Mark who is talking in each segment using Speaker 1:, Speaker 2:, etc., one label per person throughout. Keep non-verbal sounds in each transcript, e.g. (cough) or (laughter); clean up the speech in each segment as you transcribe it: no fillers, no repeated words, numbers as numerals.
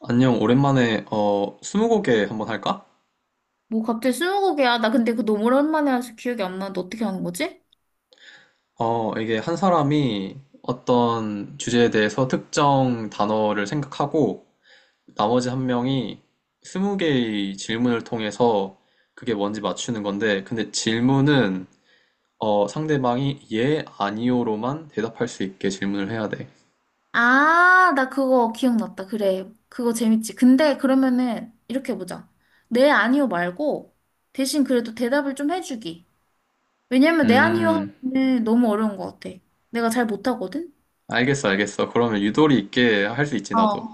Speaker 1: 안녕, 오랜만에, 스무고개 한번 할까?
Speaker 2: 뭐 갑자기 스무고개야. 나 근데 그거 너무 오랜만에 해서 기억이 안 나는데 어떻게 하는 거지?
Speaker 1: 이게 한 사람이 어떤 주제에 대해서 특정 단어를 생각하고, 나머지 한 명이 스무 개의 질문을 통해서 그게 뭔지 맞추는 건데, 근데 질문은, 상대방이 예, 아니요로만 대답할 수 있게 질문을 해야 돼.
Speaker 2: 아, 나 그거 기억났다. 그래. 그거 재밌지. 근데 그러면은 이렇게 보자. 네, 아니요 말고 대신 그래도 대답을 좀 해주기. 왜냐면 네, 아니요
Speaker 1: 음,
Speaker 2: 하면은 너무 어려운 것 같아. 내가 잘 못하거든?
Speaker 1: 알겠어, 알겠어. 그러면 유도리 있게 할 수 있지,
Speaker 2: 어.
Speaker 1: 나도.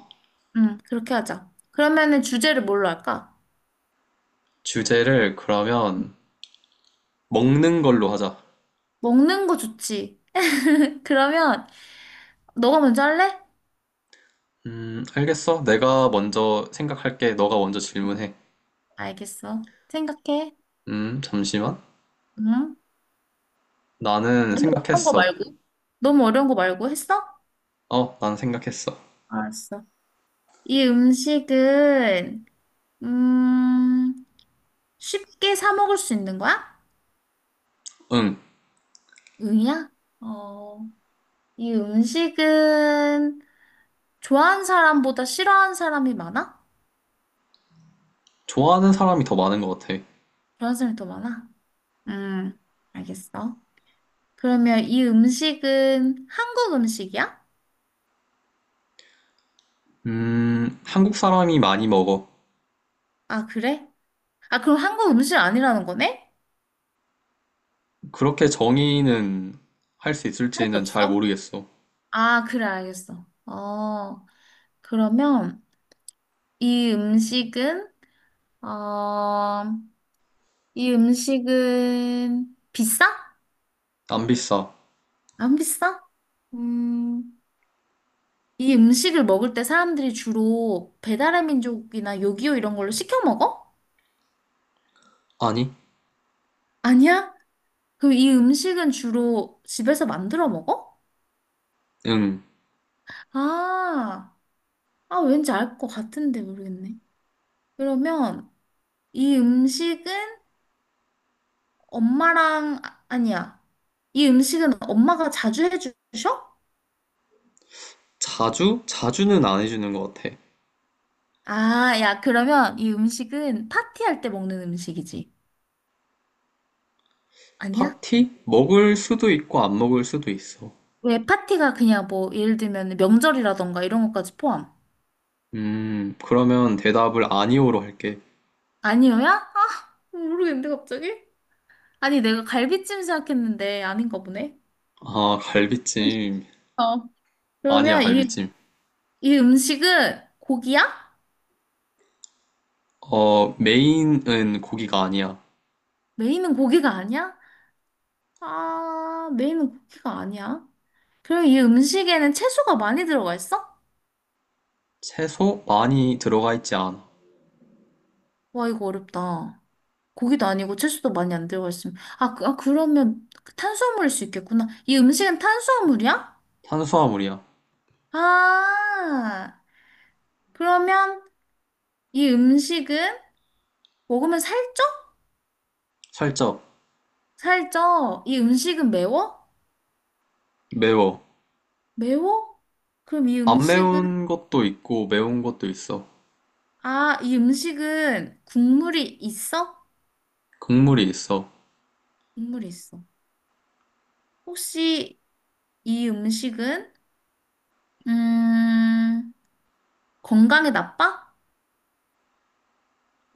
Speaker 2: 응, 그렇게 하자. 그러면은 주제를 뭘로 할까?
Speaker 1: 주제를 그러면 먹는 걸로 하자.
Speaker 2: 먹는 거 좋지. (laughs) 그러면 너가 먼저 할래?
Speaker 1: 알겠어. 내가 먼저 생각할게. 너가 먼저
Speaker 2: 응.
Speaker 1: 질문해.
Speaker 2: 알겠어. 생각해.
Speaker 1: 잠시만.
Speaker 2: 응?
Speaker 1: 나는
Speaker 2: 너무 어려운 거
Speaker 1: 생각했어.
Speaker 2: 말고? 너무 어려운 거 말고 했어?
Speaker 1: 난 생각했어.
Speaker 2: 알았어. 이 음식은 음, 쉽게 사 먹을 수 있는 거야?
Speaker 1: 응,
Speaker 2: 응이야? 어, 이 음식은 좋아하는 사람보다 싫어하는 사람이 많아?
Speaker 1: 좋아하는 사람이 더 많은 것 같아.
Speaker 2: 좋아하는 사람이 더 많아? 음, 알겠어. 그러면 이 음식은 한국 음식이야?
Speaker 1: 한국 사람이 많이 먹어.
Speaker 2: 아, 그래? 아, 그럼 한국 음식 아니라는 거네?
Speaker 1: 그렇게 정의는 할 수
Speaker 2: 할 수
Speaker 1: 있을지는 잘
Speaker 2: 없어?
Speaker 1: 모르겠어.
Speaker 2: 아, 그래, 알겠어. 어, 그러면 이 음식은 어, 이 음식은 비싸?
Speaker 1: 안 비싸.
Speaker 2: 안 비싸? 음, 이 음식을 먹을 때 사람들이 주로 배달의 민족이나 요기요 이런 걸로 시켜 먹어?
Speaker 1: 아니,
Speaker 2: 아니야? 그럼 이 음식은 주로 집에서 만들어 먹어?
Speaker 1: 응.
Speaker 2: 아, 아 왠지 알 것 같은데 모르겠네. 그러면 이 음식은 아니야. 이 음식은 엄마가 자주 해주셔?
Speaker 1: 자주? 자주는 안 해주는 것 같아.
Speaker 2: 아, 야, 그러면 이 음식은 파티할 때 먹는 음식이지. 아니야?
Speaker 1: 파티? 먹을 수도 있고 안 먹을 수도 있어.
Speaker 2: 왜 파티가 그냥 뭐, 예를 들면 명절이라던가 이런 것까지 포함.
Speaker 1: 그러면 대답을 아니오로 할게.
Speaker 2: 아니요야? 아, 모르겠는데, 갑자기? 아니, 내가 갈비찜 생각했는데 아닌가 보네.
Speaker 1: 아, 갈비찜.
Speaker 2: 어.
Speaker 1: 아니야,
Speaker 2: 그러면 이,
Speaker 1: 갈비찜.
Speaker 2: 이 음식은 고기야?
Speaker 1: 어, 메인은 고기가 아니야.
Speaker 2: 메인은 고기가 아니야? 아, 메인은 고기가 아니야. 그럼 이 음식에는 채소가 많이 들어가 있어?
Speaker 1: 채소 많이 들어가 있지 않아.
Speaker 2: 와, 이거 어렵다. 고기도 아니고 채소도 많이 안 들어가 있으면 아, 그, 아 그러면 탄수화물일 수 있겠구나. 이 음식은 탄수화물이야?
Speaker 1: 탄수화물이야.
Speaker 2: 아 그러면 이 음식은 먹으면 살쪄?
Speaker 1: 살짝
Speaker 2: 살쪄. 이 음식은 매워?
Speaker 1: 매워.
Speaker 2: 매워? 그럼 이
Speaker 1: 안
Speaker 2: 음식은
Speaker 1: 매운 것도 있고 매운 것도 있어.
Speaker 2: 아, 이 음식은 국물이 있어?
Speaker 1: 국물이 있어.
Speaker 2: 국물이 있어. 혹시 이 음식은 음 건강에 나빠?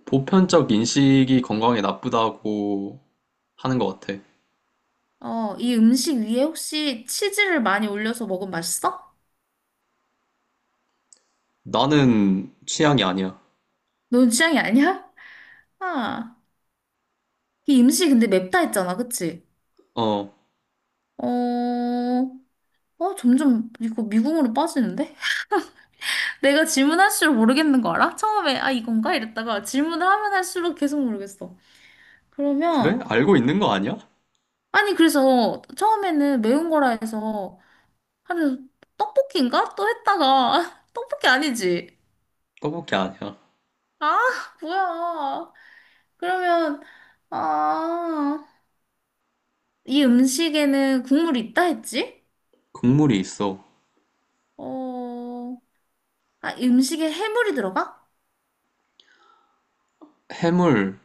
Speaker 1: 보편적 인식이 건강에 나쁘다고 하는 것 같아.
Speaker 2: 어, 이 음식 위에 혹시 치즈를 많이 올려서 먹으면 맛있어?
Speaker 1: 나는 취향이 아니야.
Speaker 2: 넌 취향이 아니야? 아, 이 음식 근데 맵다 했잖아, 그치?
Speaker 1: 어,
Speaker 2: 어, 어, 점점 이거 미궁으로 빠지는데? (laughs) 내가 질문할수록 모르겠는 거 알아? 처음에, 아, 이건가? 이랬다가 질문을 하면 할수록 계속 모르겠어.
Speaker 1: 그래?
Speaker 2: 그러면,
Speaker 1: 알고 있는 거 아니야?
Speaker 2: 아니, 그래서 처음에는 매운 거라 해서, 아니, 떡볶이인가? 또 했다가, (laughs) 떡볶이 아니지?
Speaker 1: 떡볶이 아니야.
Speaker 2: 아, 뭐야. 그러면, 아, 이 음식에는 국물이 있다 했지?
Speaker 1: 국물이 있어.
Speaker 2: 어, 아, 음식에 해물이 들어가?
Speaker 1: 해물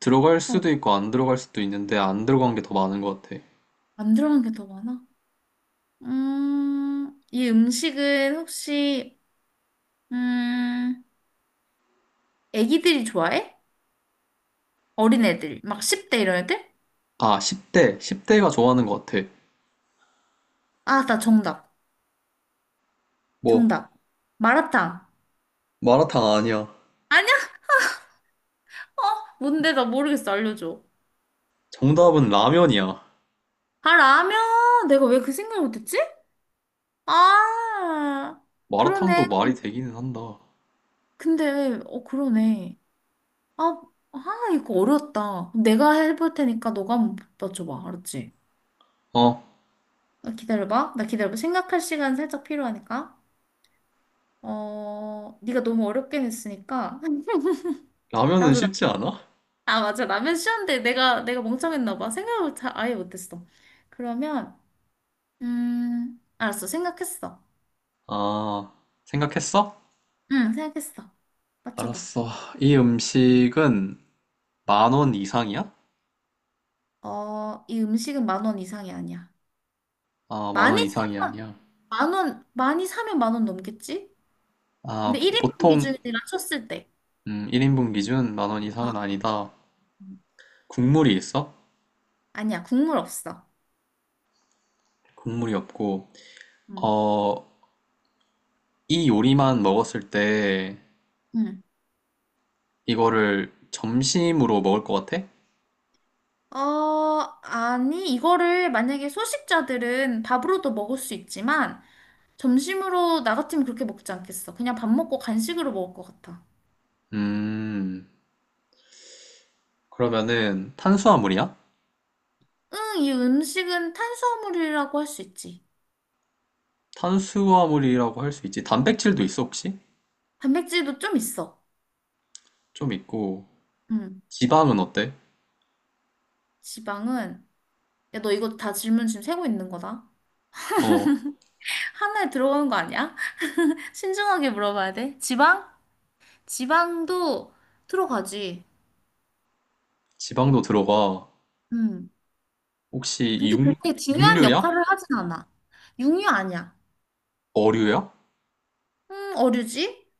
Speaker 1: 들어갈
Speaker 2: 어,
Speaker 1: 수도 있고 안 들어갈 수도 있는데 안 들어간 게 더 많은 것 같아.
Speaker 2: 안 들어간 게 더 많아. 이 음식은 혹시, 음, 애기들이 좋아해? 어린애들, 막 10대 이런 애들?
Speaker 1: 아, 10대. 10대가 좋아하는 것 같아.
Speaker 2: 아, 나 정답.
Speaker 1: 뭐,
Speaker 2: 정답. 마라탕.
Speaker 1: 마라탕 아니야.
Speaker 2: 아니야? 어, 뭔데? 나 모르겠어. 알려줘.
Speaker 1: 정답은 라면이야.
Speaker 2: 아, 라면. 내가 왜 그 생각을 못했지? 아, 그러네.
Speaker 1: 마라탕도 말이 되기는 한다.
Speaker 2: 근데, 어, 그러네. 아, 아, 이거 어려웠다. 내가 해볼 테니까 너가 한번 맞춰봐. 알았지?
Speaker 1: 어,
Speaker 2: 어, 기다려봐. 나 기다려봐. 생각할 시간 살짝 필요하니까. 어, 네가 너무 어렵게 했으니까. (laughs)
Speaker 1: 라면은
Speaker 2: 나도 나,
Speaker 1: 쉽지 않아?
Speaker 2: 아, 맞아. 라면 쉬웠는데 내가 멍청했나 봐. 생각을 잘 아예 못했어. 그러면, 알았어. 생각했어.
Speaker 1: 아, 생각했어?
Speaker 2: 응, 생각했어. 맞춰봐.
Speaker 1: 알았어. 이 음식은 만원 이상이야?
Speaker 2: 어, 이 음식은 10,000원 이상이 아니야.
Speaker 1: 아, 만원
Speaker 2: 많이
Speaker 1: 이상이
Speaker 2: 사면,
Speaker 1: 아니야.
Speaker 2: 10,000원, 많이 사면 10,000원 넘겠지?
Speaker 1: 아,
Speaker 2: 근데 1인분
Speaker 1: 통
Speaker 2: 기준이라 쳤을 때.
Speaker 1: 1인분 기준 만원 이상은
Speaker 2: 어.
Speaker 1: 아니다. 국물이 있어?
Speaker 2: 아니야, 국물 없어.
Speaker 1: 국물이 없고.
Speaker 2: 응.
Speaker 1: 어, 이 요리만 먹었을 때
Speaker 2: 응.
Speaker 1: 이거를 점심으로 먹을 것 같아?
Speaker 2: 어, 아니, 이거를 만약에 소식자들은 밥으로도 먹을 수 있지만, 점심으로 나 같으면 그렇게 먹지 않겠어. 그냥 밥 먹고 간식으로 먹을 것 같아.
Speaker 1: 음, 그러면은 탄수화물이야?
Speaker 2: 응, 이 음식은 탄수화물이라고 할 수 있지.
Speaker 1: 탄수화물이라고 할 수 있지. 단백질도 있어, 혹시?
Speaker 2: 단백질도 좀 있어.
Speaker 1: 좀 있고.
Speaker 2: 응,
Speaker 1: 지방은 어때?
Speaker 2: 지방은. 야, 너 이거 다 질문 지금 세고 있는 거다.
Speaker 1: 어,
Speaker 2: 하나에 들어가는 거 아니야? (laughs) 신중하게 물어봐야 돼. 지방? 지방도 들어가지.
Speaker 1: 지방도 들어가.
Speaker 2: 응.
Speaker 1: 혹시
Speaker 2: 근데
Speaker 1: 육,
Speaker 2: 그렇게 중요한
Speaker 1: 육류야?
Speaker 2: 역할을 하진 않아. 육류 아니야.
Speaker 1: 어류야?
Speaker 2: 어류지?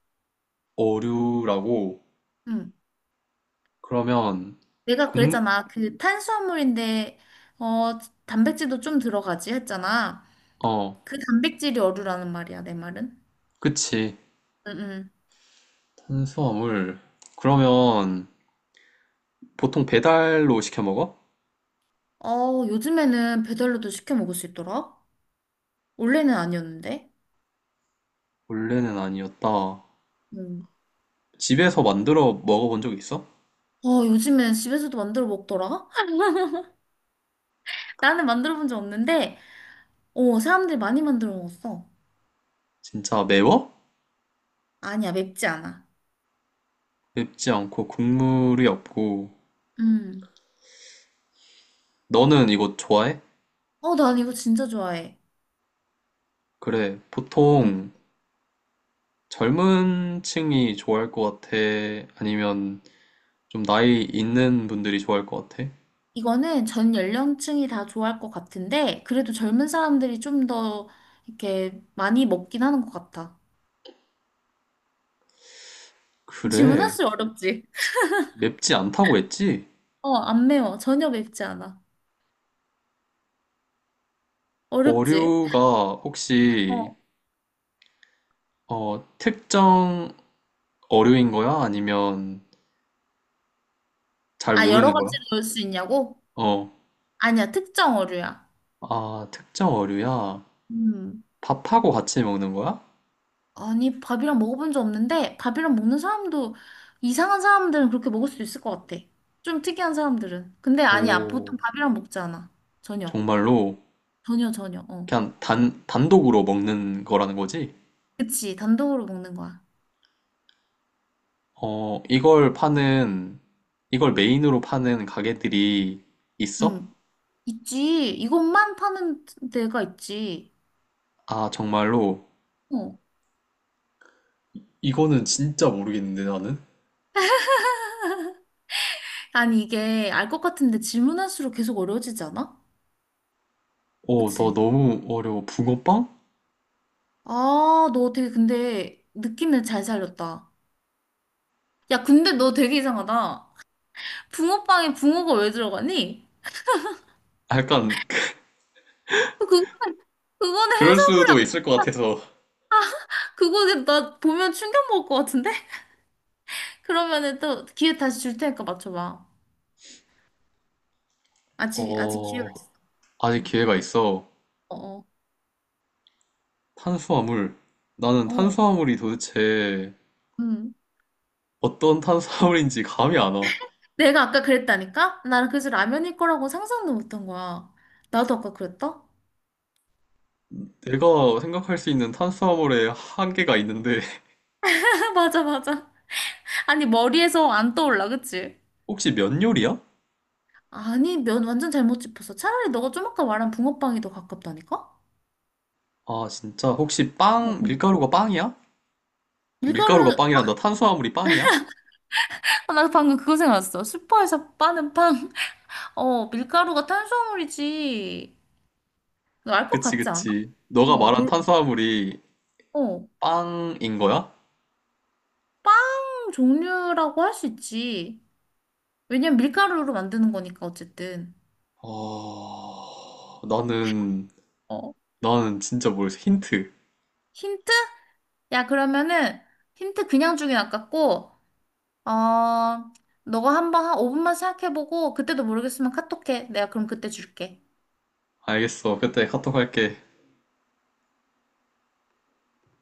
Speaker 1: 어류라고.
Speaker 2: 응.
Speaker 1: 그러면,
Speaker 2: 내가
Speaker 1: 곡물,
Speaker 2: 그랬잖아. 그 탄수화물인데, 어, 단백질도 좀 들어가지 했잖아.
Speaker 1: 어,
Speaker 2: 그 단백질이 어류라는 말이야, 내 말은.
Speaker 1: 그치.
Speaker 2: 응,
Speaker 1: 탄수화물. 그러면 보통 배달로 시켜 먹어?
Speaker 2: 응. 어, 요즘에는 배달로도 시켜 먹을 수 있더라? 원래는 아니었는데.
Speaker 1: 원래는 아니었다.
Speaker 2: 응.
Speaker 1: 집에서 만들어 먹어본 적 있어?
Speaker 2: 어, 요즘엔 집에서도 만들어 먹더라? (laughs) 나는 만들어 본 적 없는데, 어, 사람들이 많이 만들어 먹었어.
Speaker 1: 진짜 매워?
Speaker 2: 아니야, 맵지 않아.
Speaker 1: 맵지 않고 국물이 없고.
Speaker 2: 응.
Speaker 1: 너는 이거 좋아해?
Speaker 2: 어, 난 이거 진짜 좋아해.
Speaker 1: 그래, 보통 젊은 층이 좋아할 것 같아? 아니면 좀 나이 있는 분들이 좋아할 것 같아?
Speaker 2: 이거는 전 연령층이 다 좋아할 것 같은데, 그래도 젊은 사람들이 좀 더 이렇게 많이 먹긴 하는 것 같아.
Speaker 1: 그래,
Speaker 2: 질문할수록 어렵지?
Speaker 1: 맵지 않다고 했지?
Speaker 2: 어, 안 매워. 전혀 맵지 않아. 어렵지?
Speaker 1: 어류가 혹시
Speaker 2: 어.
Speaker 1: 특정 어류인 거야? 아니면 잘
Speaker 2: 아, 여러
Speaker 1: 모르는 거야?
Speaker 2: 가지로 넣을 수 있냐고?
Speaker 1: 어,
Speaker 2: 아니야, 특정 어류야.
Speaker 1: 아, 특정 어류야?
Speaker 2: 음.
Speaker 1: 밥하고 같이 먹는 거야?
Speaker 2: 아니, 밥이랑 먹어본 적 없는데, 밥이랑 먹는 사람도, 이상한 사람들은 그렇게 먹을 수 있을 것 같아. 좀 특이한 사람들은. 근데 아니야,
Speaker 1: 오,
Speaker 2: 보통 밥이랑 먹지 않아. 전혀.
Speaker 1: 정말로
Speaker 2: 전혀, 전혀. 어.
Speaker 1: 그냥 단독으로 먹는 거라는 거지?
Speaker 2: 그치, 단독으로 먹는 거야.
Speaker 1: 어, 이걸 메인으로 파는 가게들이 있어?
Speaker 2: 응. 있지. 이것만 파는 데가 있지.
Speaker 1: 아, 정말로.
Speaker 2: 어.
Speaker 1: 이거는 진짜 모르겠는데, 나는?
Speaker 2: 아니, 이게 알 것 같은데 질문할수록 계속 어려워지지 않아?
Speaker 1: 어, 너
Speaker 2: 그치?
Speaker 1: 너무 어려워. 붕어빵?
Speaker 2: 아, 너 되게 근데 느낌을 잘 살렸다. 야, 근데 너 되게 이상하다. 붕어빵에 붕어가 왜 들어가니?
Speaker 1: 아, 약간,
Speaker 2: 그거는, 그거는
Speaker 1: 그럴
Speaker 2: 해산물이,
Speaker 1: 수도 있을 것 같아서.
Speaker 2: 그거 나 보면 충격 먹을 것 같은데? (laughs) 그러면은 또 기회 다시 줄 테니까 맞춰봐. 아직, 아직 기회가
Speaker 1: 어,
Speaker 2: 있어.
Speaker 1: 아직
Speaker 2: 응.
Speaker 1: 기회가 있어.
Speaker 2: 어, 어,
Speaker 1: 탄수화물. 나는
Speaker 2: 어.
Speaker 1: 탄수화물이 도대체
Speaker 2: 응.
Speaker 1: 어떤 탄수화물인지 감이 안 와.
Speaker 2: 내가 아까 그랬다니까? 나는 그래서 라면일 거라고 상상도 못한 거야. 나도 아까 그랬다?
Speaker 1: 내가 생각할 수 있는 탄수화물의 한계가 있는데,
Speaker 2: (laughs) 맞아, 맞아. 아니, 머리에서 안 떠올라, 그치?
Speaker 1: (laughs) 혹시 면 요리야?
Speaker 2: 아니, 면 완전 잘못 짚었어. 차라리 너가 좀 아까 말한 붕어빵이 더 가깝다니까?
Speaker 1: 아, 진짜. 혹시
Speaker 2: 어.
Speaker 1: 빵, 밀가루가 빵이야? 밀가루가
Speaker 2: 밀가루,
Speaker 1: 빵이란다. 탄수화물이 빵이야?
Speaker 2: 아, 나 방금 그거 생각났어. 슈퍼에서 파는 빵. (laughs) 어, 밀가루가 탄수화물이지. 너 알 것
Speaker 1: 그치,
Speaker 2: 같지 않아?
Speaker 1: 그치.
Speaker 2: 어,
Speaker 1: 너가 말한
Speaker 2: 뭘,
Speaker 1: 탄수화물이
Speaker 2: 어.
Speaker 1: 빵인 거야?
Speaker 2: 빵 종류라고 할 수 있지. 왜냐면 밀가루로 만드는 거니까, 어쨌든.
Speaker 1: 어, 나는,
Speaker 2: 어.
Speaker 1: 나는 진짜 모르겠어. 힌트.
Speaker 2: 힌트? 야, 그러면은 힌트 그냥 주긴 아깝고, 어, 너가 한번 한 5분만 생각해보고, 그때도 모르겠으면 카톡해. 내가 그럼 그때 줄게.
Speaker 1: 알겠어. 그때 카톡 할게.